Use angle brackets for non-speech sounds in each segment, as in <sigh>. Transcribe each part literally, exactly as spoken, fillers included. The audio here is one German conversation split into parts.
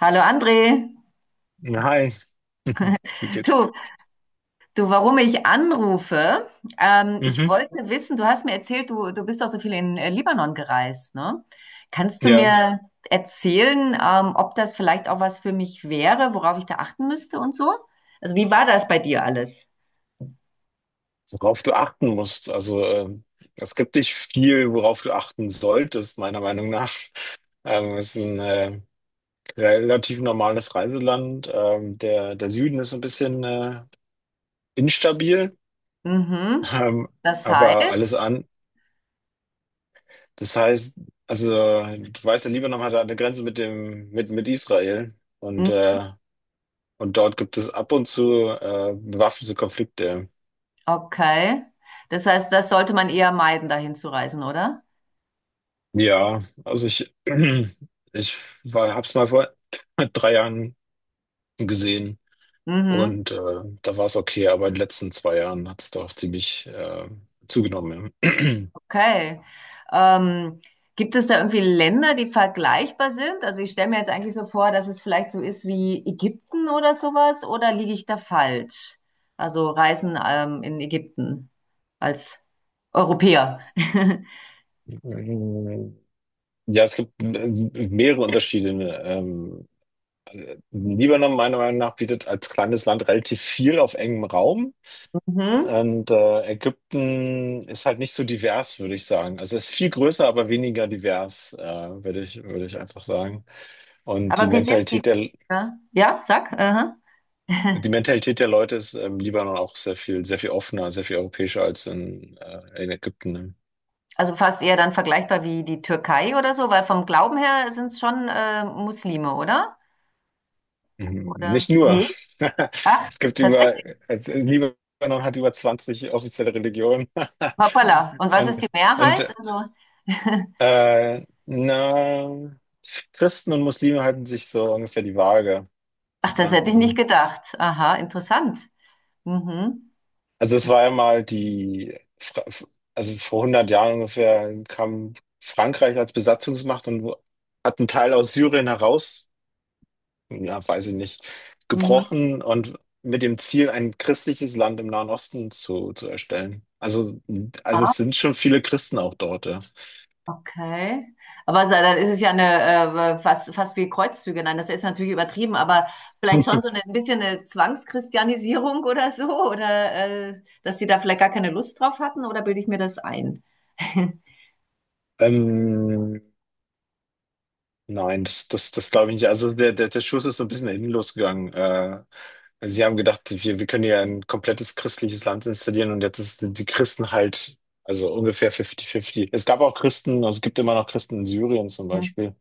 Hallo André. Hi, <laughs> wie geht's? Du, du, warum ich anrufe? Ähm, ich Mhm. wollte wissen, du hast mir erzählt, du, du bist auch so viel in äh, Libanon gereist, ne? Kannst du Ja, mir erzählen, ähm, ob das vielleicht auch was für mich wäre, worauf ich da achten müsste und so? Also, wie war das bei dir alles? worauf du achten musst. Also, ähm, es gibt nicht viel, worauf du achten solltest, meiner Meinung nach. <laughs> Ähm, es ist ein äh, relativ normales Reiseland. Ähm, der, der Süden ist ein bisschen äh, instabil, <laughs> Mhm. ähm, Das aber alles heißt, an. Das heißt, also, du weißt, der Libanon hat eine Grenze mit dem, mit, mit Israel und, mhm, äh, und dort gibt es ab und zu äh, bewaffnete Konflikte. okay. Das heißt, das sollte man eher meiden, dahin zu reisen, oder? Ja, also ich, <clears throat> ich war, hab's mal vor <laughs> <clears throat> drei Jahren gesehen Mhm. und äh, da war es okay, aber in den letzten zwei Jahren hat es doch ziemlich äh, zugenommen. Ja, Okay. Ähm, Gibt es da irgendwie Länder, die vergleichbar sind? Also ich stelle mir jetzt eigentlich so vor, dass es vielleicht so ist wie Ägypten oder sowas, oder liege ich da falsch? Also Reisen ähm, in Ägypten als Europäer. <laughs> <clears throat> ja, es gibt äh, mehrere Unterschiede, ne. Ähm, Libanon, meiner Meinung nach, bietet als kleines Land relativ viel auf engem Raum. Mhm. Und äh, Ägypten ist halt nicht so divers, würde ich sagen. Also es ist viel größer, aber weniger divers, äh, würde ich, würde ich einfach sagen. Und die Aber wie sind die? Mentalität der, Ja, ja, sag. Aha. die Mentalität der Leute ist im Libanon auch sehr viel, sehr viel offener, sehr viel europäischer als in, äh, in Ägypten. Ne? Also fast eher dann vergleichbar wie die Türkei oder so, weil vom Glauben her sind es schon äh, Muslime, oder? Mhm. Oder? Nicht nur. Nee. <laughs> Ach, Es gibt über, es, es, Libanon hat über zwanzig offizielle Religionen. <laughs> hoppala. Und was ist Und, die Mehrheit? und Also, <laughs> äh, na, Christen und Muslime halten sich so ungefähr die Waage. ach, das hätte ich nicht Ähm, gedacht. Aha, interessant. Mhm. Also es war ja mal die, Fra- also vor hundert Jahren ungefähr kam Frankreich als Besatzungsmacht und wo- hat einen Teil aus Syrien heraus, ja, weiß ich nicht, Mhm. gebrochen und mit dem Ziel, ein christliches Land im Nahen Osten zu, zu erstellen. Also, also Ah, es sind schon viele Christen auch dort, ja. okay. Aber so, dann ist es ja eine, äh, fast, fast wie Kreuzzüge. Nein, das ist natürlich übertrieben, aber vielleicht schon so eine, <laughs> ein bisschen eine Zwangschristianisierung <laughs> oder so, oder äh, dass die da vielleicht gar keine Lust drauf hatten, oder bilde ich mir das ein? <laughs> Ähm, nein, das, das, das glaube ich nicht. Also der, der, der Schuss ist so ein bisschen nach hinten losgegangen. Äh, also sie haben gedacht, wir, wir können hier ein komplettes christliches Land installieren und jetzt ist, sind die Christen halt, also ungefähr fünfzig fünfzig. Es gab auch Christen, also es gibt immer noch Christen in Syrien zum Beispiel.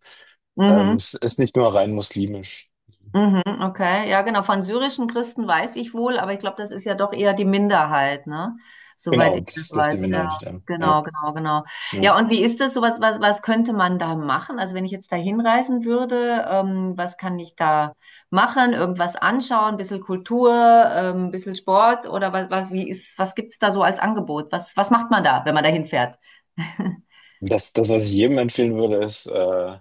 Ähm, Mhm. es ist nicht nur rein muslimisch. Mhm, okay, ja genau. Von syrischen Christen weiß ich wohl, aber ich glaube, das ist ja doch eher die Minderheit, ne? Soweit Genau, ich das das, das ist die weiß, Minderheit. ja. Ja, ja. Genau, genau, genau. Ja. Ja, und wie ist das? So was, was, was könnte man da machen? Also wenn ich jetzt da hinreisen würde, ähm, was kann ich da machen? Irgendwas anschauen, ein bisschen Kultur, ähm, ein bisschen Sport oder was, was, wie ist, was gibt's da so als Angebot? Was, was macht man da, wenn man da hinfährt? <laughs> Das, das, was ich jedem empfehlen würde, ist, äh,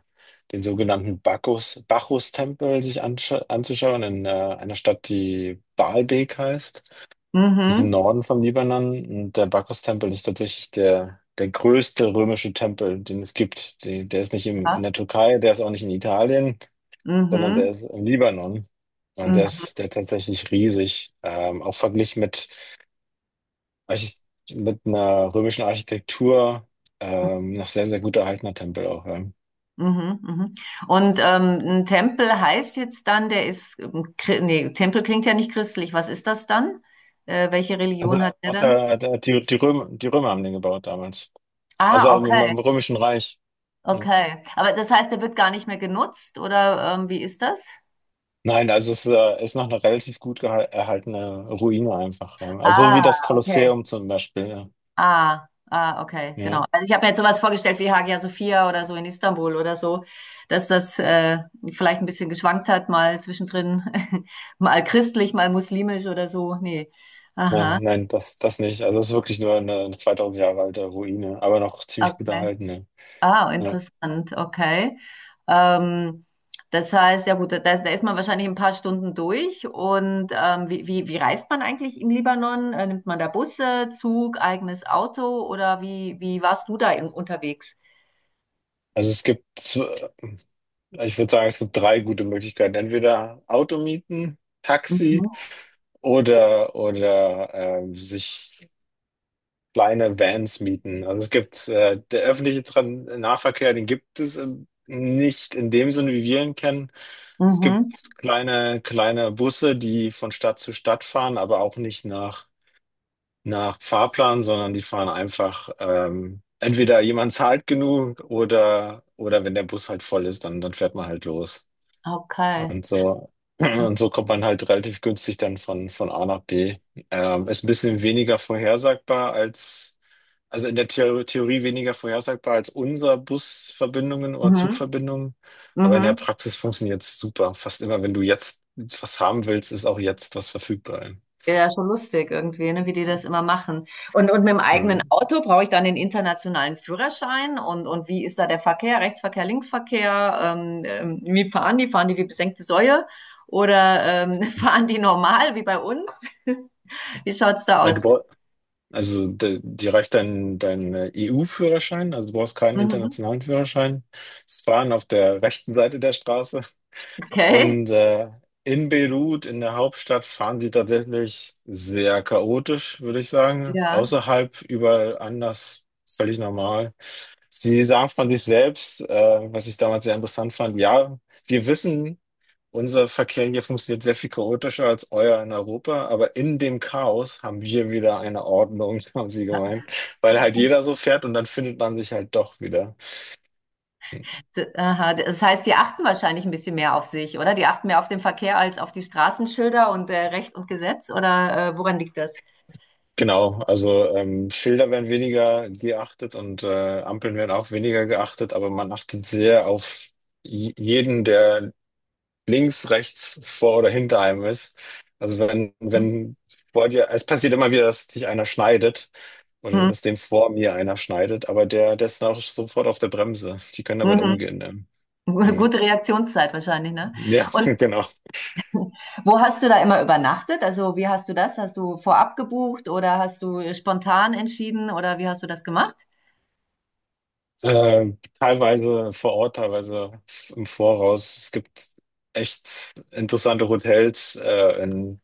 den sogenannten Bacchus, Bacchus-Tempel sich ansch- anzuschauen in äh, einer Stadt, die Baalbek heißt. Ist im Mhm. Norden vom Libanon, und der Bacchus-Tempel ist tatsächlich der, der größte römische Tempel, den es gibt. Die, der ist nicht im, Ja. in der Türkei, der ist auch nicht in Italien, sondern Mhm. der ist im Libanon. Und der Mhm. ist, der ist tatsächlich riesig, ähm, auch verglichen mit, Archit- mit einer römischen Architektur, ähm, noch sehr, sehr gut erhaltener Tempel auch. Ja. Mhm, mhm. Und ähm, ein Tempel heißt jetzt dann, der ist, ähm, chri- nee, Tempel klingt ja nicht christlich. Was ist das dann? Äh, welche Religion hat Also der dann? außer, äh, die, die Römer, die Römer haben den gebaut damals. Also Ah, im, okay, im Römischen Reich. Ja. okay. Aber das heißt, der wird gar nicht mehr genutzt oder ähm, wie ist das? Nein, also es äh, ist noch eine relativ gut geha- erhaltene Ruine einfach. Ja. Also Ah, wie das okay. Kolosseum zum Beispiel. Ja. Ah, ah, okay, genau. Ja. Also ich habe mir jetzt sowas vorgestellt wie Hagia Sophia oder so in Istanbul oder so, dass das äh, vielleicht ein bisschen geschwankt hat, mal zwischendrin, <laughs> mal christlich, mal muslimisch oder so. Nee. Aha, Nein, nein, das, das nicht. Also es ist wirklich nur eine zweitausend Jahre alte Ruine, aber noch ziemlich gut okay. erhalten. Ja. Ah, Ja. interessant, okay. Ähm, Das heißt, ja gut, da, da ist man wahrscheinlich in ein paar Stunden durch. Und ähm, wie, wie, wie reist man eigentlich im Libanon? Äh, nimmt man da Busse, Zug, eigenes Auto oder wie, wie warst du da in, unterwegs? Also es gibt, zw- ich würde sagen, es gibt drei gute Möglichkeiten. Entweder Auto mieten, Taxi Mhm. oder, oder ähm, sich kleine Vans mieten. Also es gibt äh, der öffentliche Tran Nahverkehr, den gibt es ähm, nicht in dem Sinne, wie wir ihn kennen. Es Mhm. gibt kleine, kleine Busse, die von Stadt zu Stadt fahren, aber auch nicht nach, nach Fahrplan, sondern die fahren einfach, ähm, entweder jemand zahlt genug oder, oder wenn der Bus halt voll ist, dann, dann fährt man halt los. Okay. Und so, <clears throat> und so kommt man halt relativ günstig dann von, von A nach B. Ähm, ist ein bisschen weniger vorhersagbar als, also, in der Theo- Theorie weniger vorhersagbar als unsere Busverbindungen oder Mhm. Zugverbindungen. Aber in der Mhm. Praxis funktioniert es super. Fast immer, wenn du jetzt was haben willst, ist auch jetzt was verfügbar. Ja, ja, schon lustig irgendwie, ne, wie die das immer machen. Und, und mit dem eigenen Mhm. Auto brauche ich dann den internationalen Führerschein und, und wie ist da der Verkehr, Rechtsverkehr, Linksverkehr? Ähm, ähm, wie fahren die? Fahren die wie besenkte Säue? Oder ähm, <laughs> fahren die normal wie bei uns? Wie schaut's da Ja, Du aus? brauch, also de- dir reicht dein, dein äh, E U-Führerschein, also du brauchst keinen Mhm. internationalen Führerschein. Das Fahren auf der rechten Seite der Straße. Okay. Und äh, in Beirut, in der Hauptstadt, fahren sie tatsächlich sehr chaotisch, würde ich sagen. Ja. Außerhalb, überall anders, völlig normal. Sie sagen von sich selbst, äh, was ich damals sehr interessant fand, ja, wir wissen, unser Verkehr hier funktioniert sehr viel chaotischer als euer in Europa, aber in dem Chaos haben wir wieder eine Ordnung, <laughs> haben sie gemeint, weil halt jeder so fährt und dann findet man sich halt doch wieder. D- Aha. Das heißt, die achten wahrscheinlich ein bisschen mehr auf sich, oder? Die achten mehr auf den Verkehr als auf die Straßenschilder und äh, Recht und Gesetz, oder äh, woran liegt das? Genau, also ähm, Schilder werden weniger geachtet und äh, Ampeln werden auch weniger geachtet, aber man achtet sehr auf j- jeden, der links, rechts, vor oder hinter einem ist. Also wenn, Mhm. wenn vor dir, es passiert immer wieder, dass dich einer schneidet oder dass dem vor mir einer schneidet, aber der, der ist dann auch sofort auf der Bremse. Die können damit Mhm. umgehen. Ne? <laughs> Ja, Gute Reaktionszeit wahrscheinlich, ne? <laughs> Und ja, genau. wo hast du da immer übernachtet? Also wie hast du das? Hast du vorab gebucht oder hast du spontan entschieden oder wie hast du das gemacht? Äh, teilweise vor Ort, teilweise f- im Voraus. Es gibt echt interessante Hotels äh, in,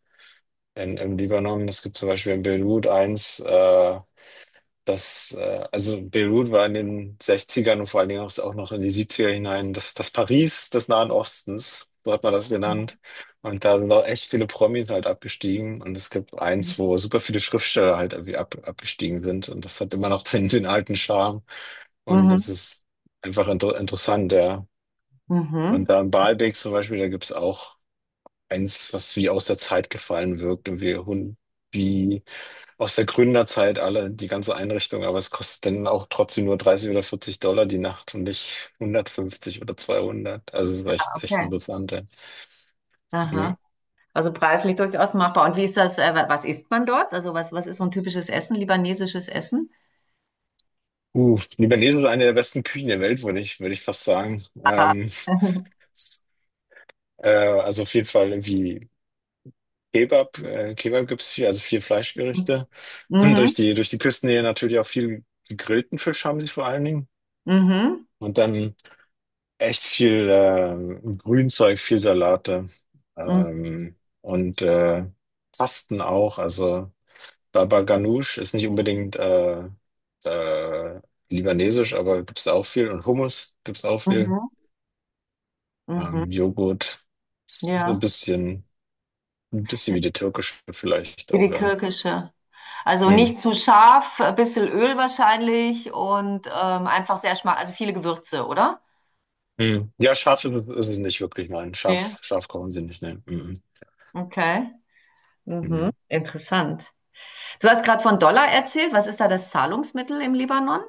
in, im Libanon. Es gibt zum Beispiel in Beirut eins. Äh, das, äh, also Beirut war in den Sechzigern und vor allen Dingen auch noch in die Siebziger hinein das, das Paris des Nahen Ostens, so hat man das genannt. Und da sind auch echt viele Promis halt abgestiegen. Und es gibt eins, wo super viele Schriftsteller halt irgendwie ab, abgestiegen sind. Und das hat immer noch <laughs> den, den alten Charme. Und das Mhm. ist einfach inter interessant, ja. Und Mhm. da in Baalbek zum Beispiel, da gibt's auch eins, was wie aus der Zeit gefallen wirkt und wie, hun- wie aus der Gründerzeit, alle, die ganze Einrichtung, aber es kostet dann auch trotzdem nur dreißig oder vierzig Dollar die Nacht und nicht hundertfünfzig oder zweihundert. Also es war echt, echt Okay. interessant. Ja. Ja. Aha. Also preislich durchaus machbar. Und wie ist das, äh, wa- was isst man dort? Also was, was ist so ein typisches Essen, libanesisches Essen? Uh, Libanesen ist eine der besten Küchen der Welt, würde ich, würde ich fast sagen. Ähm, <laughs> äh, also auf jeden Fall irgendwie Kebab, äh, Kebab gibt es viel, also viel Fleischgerichte. <clears throat> Mhm. Durch Mhm. die, durch die Küstennähe natürlich auch viel gegrillten Fisch haben sie vor allen Dingen. Mhm. Und dann echt viel ähm, Grünzeug, viel Salate Mhm. ähm, und äh, Pasten auch. Also Baba Ganoush ist nicht unbedingt äh, äh, libanesisch, aber gibt's da auch viel. Und Hummus gibt's auch viel. Mhm. Mhm. Ähm, Joghurt, so ein Ja. bisschen, ein bisschen wie die türkische vielleicht Wie auch, die ja. türkische. Also Hm. nicht zu scharf, ein bisschen Öl wahrscheinlich und ähm, einfach sehr schmack, also viele Gewürze, oder? Hm. Ja, scharf ist, es- ist es nicht wirklich, nein. Nee. Scharf, scharf kochen sie nicht, ne? Mhm. Okay. Mhm. Ja. Interessant. Du hast gerade von Dollar erzählt. Was ist da das Zahlungsmittel im Libanon?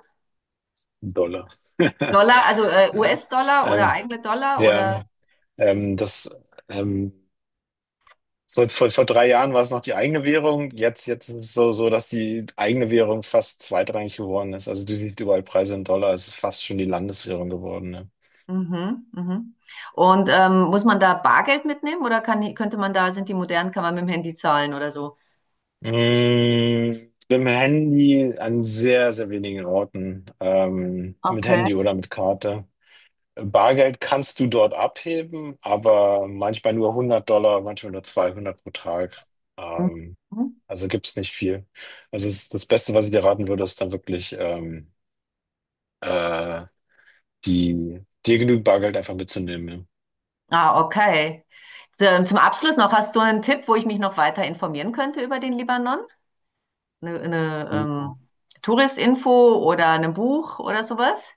Dollar. <laughs> Dollar, also äh, Ja. U S-Dollar oder Ähm, eigene Dollar ja. oder? Ähm, das ähm, so, vor, vor drei Jahren war es noch die eigene Währung. Jetzt, jetzt ist es so, so, dass die eigene Währung fast zweitrangig geworden ist. Also du siehst überall Preise in Dollar. Es ist fast schon die Landeswährung geworden. Ne? Mhm, mhm. Und ähm, muss man da Bargeld mitnehmen oder kann, könnte man da, sind die modern, kann man mit dem Handy zahlen oder so? Mm, mit dem Handy an sehr, sehr wenigen Orten. Ähm, mit Okay. Handy oder mit Karte. Bargeld kannst du dort abheben, aber manchmal nur hundert Dollar, manchmal nur zweihundert pro Tag. Ähm, Mhm. Also gibt es nicht viel. Also es, das Beste, was ich dir raten würde, ist dann wirklich, ähm, äh, die, dir genügend Bargeld einfach mitzunehmen. Ah, okay. Zum zum Abschluss noch, hast du einen Tipp, wo ich mich noch weiter informieren könnte über den Libanon? Eine, eine Ja. ähm, Touristinfo oder ein Buch oder sowas?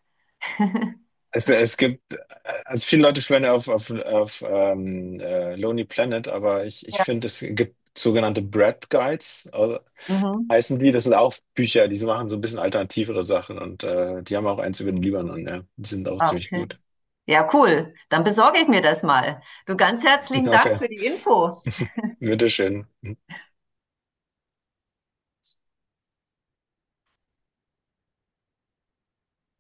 Es, es gibt, äh, also viele Leute schwören ja auf, auf, auf ähm, äh, Lonely Planet, aber ich, ich Ja, finde, es gibt sogenannte Bread Guides, also, mhm. heißen die. Das sind auch Bücher, die machen so ein bisschen alternativere Sachen und äh, die haben auch eins über den Libanon, ja. Die sind auch Ah, ziemlich okay. gut. Ja, cool. Dann besorge ich mir das mal. Du, ganz <laughs> herzlichen Dank Okay, für die Info. bitteschön.